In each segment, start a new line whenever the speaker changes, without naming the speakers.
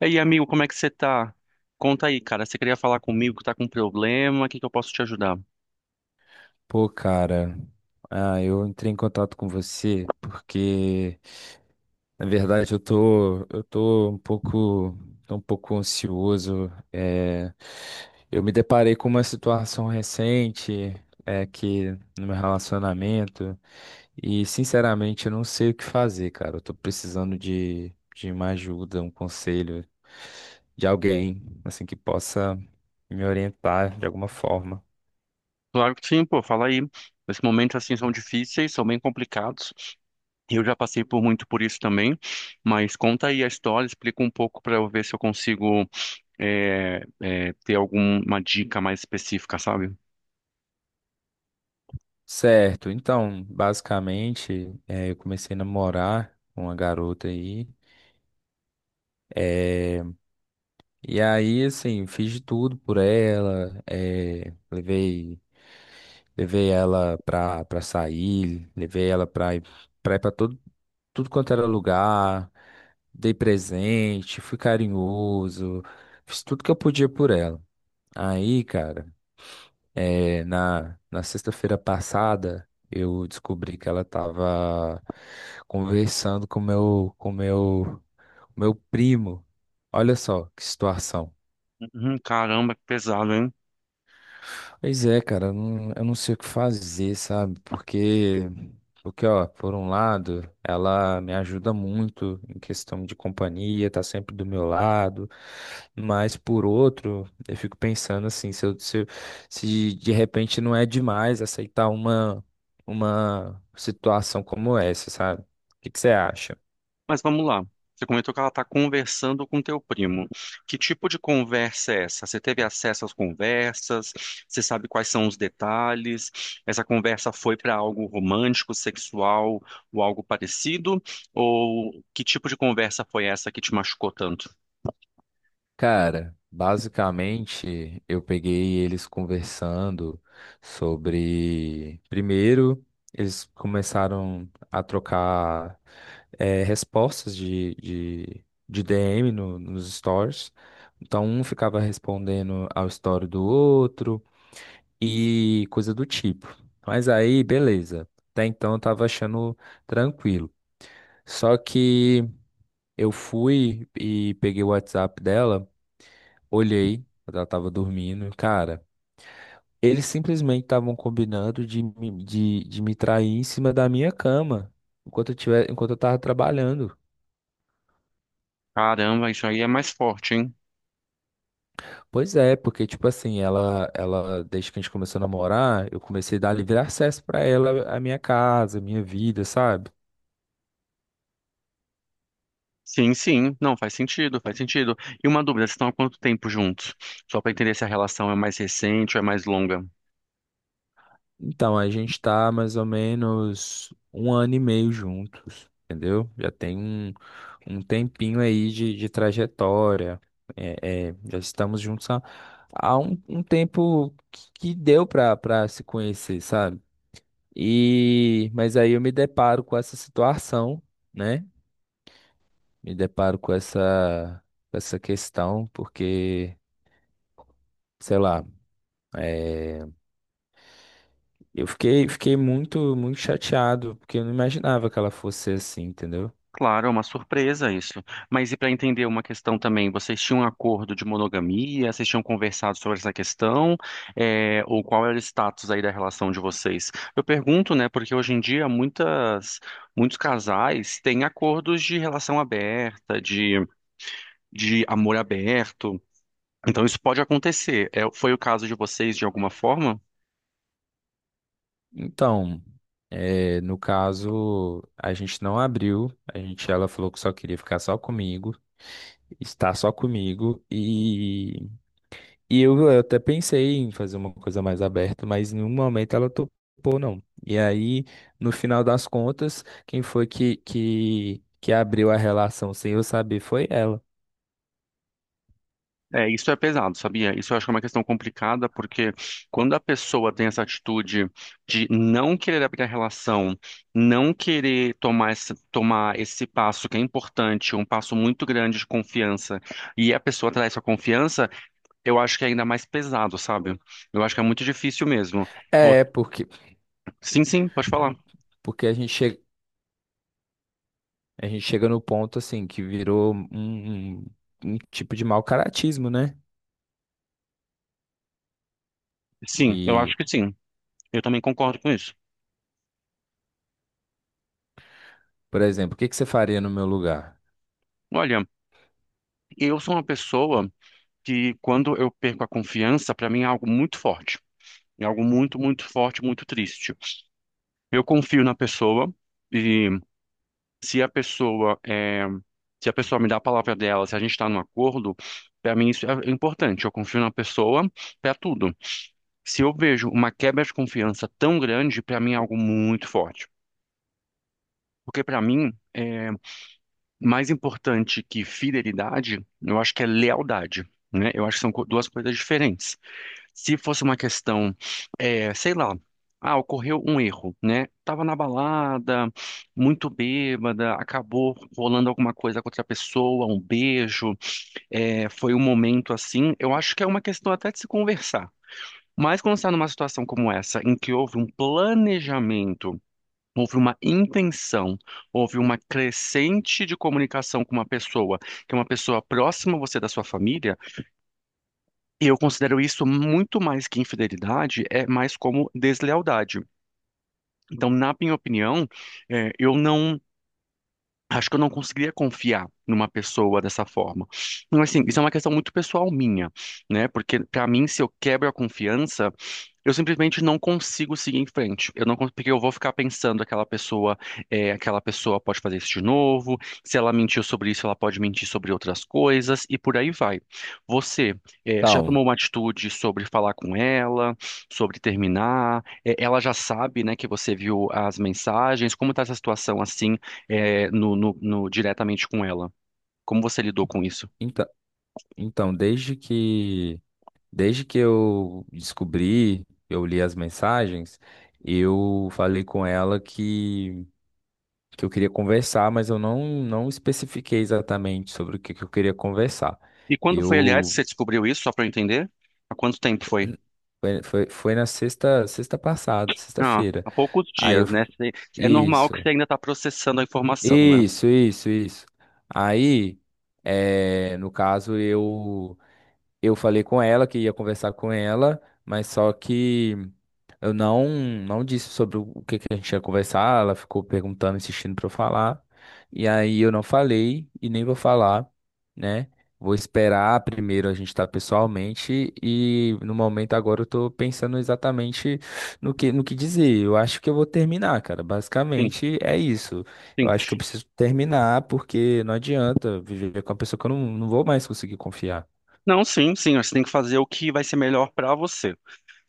E aí, amigo, como é que você tá? Conta aí, cara. Você queria falar comigo que tá com problema? O que que eu posso te ajudar?
Pô, cara, eu entrei em contato com você porque, na verdade, eu tô um pouco ansioso. Eu me deparei com uma situação recente, que no meu relacionamento e, sinceramente, eu não sei o que fazer, cara. Eu tô precisando de uma ajuda, um conselho de alguém, assim, que possa me orientar de alguma forma.
Claro que sim, pô, fala aí. Esses momentos assim são difíceis, são bem complicados. E eu já passei por muito por isso também. Mas conta aí a história, explica um pouco pra eu ver se eu consigo ter alguma dica mais específica, sabe?
Certo, então, basicamente, eu comecei a namorar com uma garota aí. eh, e aí, assim, fiz de tudo por ela. Levei ela pra sair, levei ela pra ir pra tudo quanto era lugar. Dei presente, fui carinhoso, fiz tudo que eu podia por ela. Aí, cara. É, na sexta-feira passada, eu descobri que ela estava conversando com meu primo. Olha só que situação.
Uhum, caramba, que pesado, hein?
Pois é, cara, eu não sei o que fazer, sabe? Porque, ó, por um lado, ela me ajuda muito em questão de companhia, tá sempre do meu lado, mas por outro, eu fico pensando assim, se de repente não é demais aceitar uma situação como essa, sabe? O que que você acha?
Mas vamos lá. Você comentou que ela está conversando com teu primo. Que tipo de conversa é essa? Você teve acesso às conversas? Você sabe quais são os detalhes? Essa conversa foi para algo romântico, sexual ou algo parecido? Ou que tipo de conversa foi essa que te machucou tanto?
Cara, basicamente eu peguei eles conversando sobre. Primeiro, eles começaram a trocar respostas de DM nos stories. Então, um ficava respondendo ao story do outro e coisa do tipo. Mas aí, beleza. Até então eu tava achando tranquilo. Só que. Eu fui e peguei o WhatsApp dela, olhei, ela tava dormindo, e, cara. Eles simplesmente estavam combinando de me trair em cima da minha cama, enquanto eu tava trabalhando.
Caramba, isso aí é mais forte, hein?
Pois é, porque, tipo assim, ela, desde que a gente começou a namorar, eu comecei a dar livre acesso pra ela, a minha casa, a minha vida, sabe?
Sim, sim. Não, faz sentido, faz sentido. E uma dúvida, vocês estão há quanto tempo juntos? Só para entender se a relação é mais recente ou é mais longa.
Então, a gente tá mais ou menos um ano e meio juntos, entendeu? Já tem um tempinho aí de trajetória. Já estamos juntos há um tempo que deu pra se conhecer, sabe? E, mas aí eu me deparo com essa situação, né? Me deparo com essa questão, porque, sei lá, é, fiquei muito, muito chateado, porque eu não imaginava que ela fosse assim, entendeu?
Claro, é uma surpresa isso. Mas e para entender uma questão também, vocês tinham um acordo de monogamia? Vocês tinham conversado sobre essa questão? É, ou qual era o status aí da relação de vocês? Eu pergunto, né, porque hoje em dia muitos casais têm acordos de relação aberta, de amor aberto. Então isso pode acontecer. É, foi o caso de vocês de alguma forma?
Então, no caso, a gente não abriu, a gente, ela falou que só queria ficar só comigo, estar só comigo, e, eu até pensei em fazer uma coisa mais aberta, mas em nenhum momento ela topou, não. E aí, no final das contas, quem foi que abriu a relação sem eu saber foi ela.
É, isso é pesado, sabia? Isso eu acho que é uma questão complicada, porque quando a pessoa tem essa atitude de não querer abrir a relação, não querer tomar tomar esse passo que é importante, um passo muito grande de confiança, e a pessoa traz essa confiança, eu acho que é ainda mais pesado, sabe? Eu acho que é muito difícil mesmo. Vou-
É,
Sim, sim, pode falar.
porque a gente chega no ponto, assim, que virou um um tipo de mau caratismo, né?
Sim, eu acho
E.
que sim. Eu também concordo com isso.
Por exemplo, o que que você faria no meu lugar?
Olha, eu sou uma pessoa que quando eu perco a confiança, para mim é algo muito forte. É algo muito, muito forte, muito triste. Eu confio na pessoa e se a pessoa é, se a pessoa me dá a palavra dela, se a gente está num acordo, para mim isso é importante. Eu confio na pessoa para tudo. Se eu vejo uma quebra de confiança tão grande, para mim é algo muito forte. Porque para mim é mais importante que fidelidade, eu acho que é lealdade, né? Eu acho que são duas coisas diferentes. Se fosse uma questão, sei lá, ocorreu um erro, né? Tava na balada, muito bêbada, acabou rolando alguma coisa com outra pessoa, um beijo, foi um momento assim. Eu acho que é uma questão até de se conversar. Mas quando está numa situação como essa, em que houve um planejamento, houve uma intenção, houve uma crescente de comunicação com uma pessoa, que é uma pessoa próxima a você da sua família. E eu considero isso muito mais que infidelidade, é mais como deslealdade. Então, na minha opinião, eu não. Acho que eu não conseguiria confiar numa pessoa dessa forma. Mas, assim, isso é uma questão muito pessoal minha, né? Porque, para mim, se eu quebro a confiança, eu simplesmente não consigo seguir em frente. Eu não cons- Porque eu vou ficar pensando aquela pessoa, aquela pessoa pode fazer isso de novo. Se ela mentiu sobre isso, ela pode mentir sobre outras coisas e por aí vai. Você, já
Então,
tomou uma atitude sobre falar com ela, sobre terminar? É, ela já sabe, né, que você viu as mensagens. Como está essa situação assim, diretamente com ela? Como você lidou com isso?
então, então, desde que eu descobri, eu li as mensagens, eu falei com ela que eu queria conversar, mas eu não, não especifiquei exatamente sobre o que eu queria conversar.
E quando foi, aliás, que
Eu
você descobriu isso, só para eu entender? Há quanto tempo foi?
foi, foi Foi na sexta passada,
Ah,
sexta-feira.
há poucos
Aí eu
dias, né? É normal
isso,
que você ainda está processando a informação, né?
isso, isso, Isso. Aí, no caso, eu falei com ela que ia conversar com ela, mas só que eu não não disse sobre o que que a gente ia conversar. Ela ficou perguntando, insistindo para eu falar. E aí eu não falei e nem vou falar, né? Vou esperar primeiro a gente estar pessoalmente e no momento agora eu tô pensando exatamente no que dizer. Eu acho que eu vou terminar, cara.
Sim,
Basicamente é isso. Eu
sim.
acho que eu preciso terminar porque não adianta viver com uma pessoa que eu não, não vou mais conseguir confiar.
Não, sim, sim. Você tem que fazer o que vai ser melhor para você.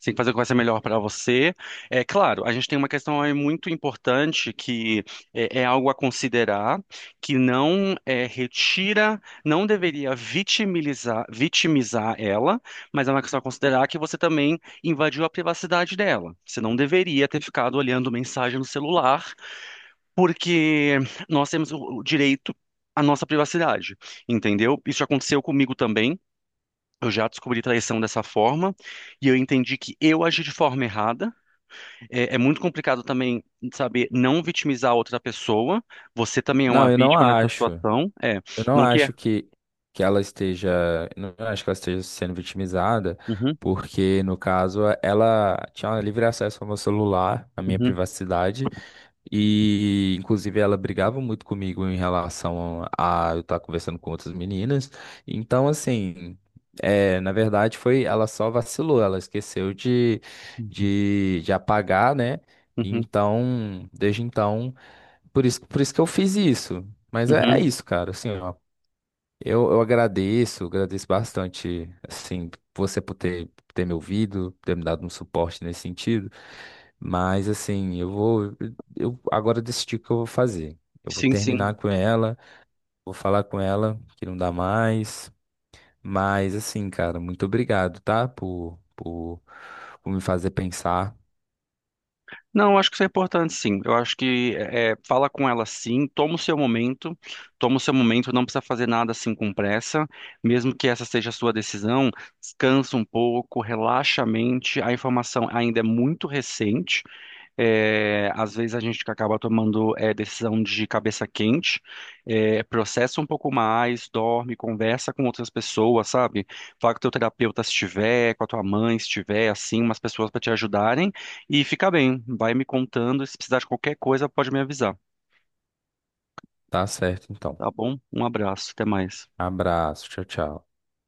Você tem que fazer o que vai ser melhor para você. É claro, a gente tem uma questão aí muito importante que é, é algo a considerar, que não é, retira, não deveria vitimilizar, vitimizar ela, mas é uma questão a considerar que você também invadiu a privacidade dela. Você não deveria ter ficado olhando mensagem no celular porque nós temos o direito à nossa privacidade, entendeu? Isso já aconteceu comigo também. Eu já descobri traição dessa forma e eu entendi que eu agi de forma errada. É, é muito complicado também saber não vitimizar a outra pessoa. Você também é
Não,
uma
eu não
vítima nessa
acho.
situação. É,
Eu não
não quer?
acho que, que ela esteja. Eu não acho que ela esteja sendo vitimizada,
Uhum,
porque, no caso, ela tinha um livre acesso ao meu celular, à minha
uhum,
privacidade, e, inclusive, ela brigava muito comigo em relação a eu estar conversando com outras meninas. Então, assim. É, na verdade, foi, ela só vacilou, ela esqueceu
uhum,
de apagar, né?
uhum,
Então, desde então. Por isso que eu fiz isso. Mas
uhum,
é, é
uhum.
isso, cara. Assim, ó, agradeço bastante, assim, você por ter me ouvido, ter me dado um suporte nesse sentido. Mas, assim, eu vou. Eu agora decidi o que eu vou fazer. Eu vou
Sim, sim.
terminar com ela, vou falar com ela que não dá mais. Mas, assim, cara, muito obrigado, tá? Por me fazer pensar.
Não, acho que isso é importante, sim. Eu acho que é, fala com ela, sim. Toma o seu momento, toma o seu momento. Não precisa fazer nada assim com pressa, mesmo que essa seja a sua decisão. Descansa um pouco, relaxa a mente. A informação ainda é muito recente, é, às vezes a gente acaba tomando é, decisão de cabeça quente, é, processa um pouco mais, dorme, conversa com outras pessoas, sabe? Fala com o teu terapeuta se tiver, com a tua mãe se tiver, assim, umas pessoas para te ajudarem e fica bem. Vai me contando, e se precisar de qualquer coisa, pode me avisar,
Tá certo, então.
tá bom? Um abraço, até mais.
Abraço, tchau, tchau.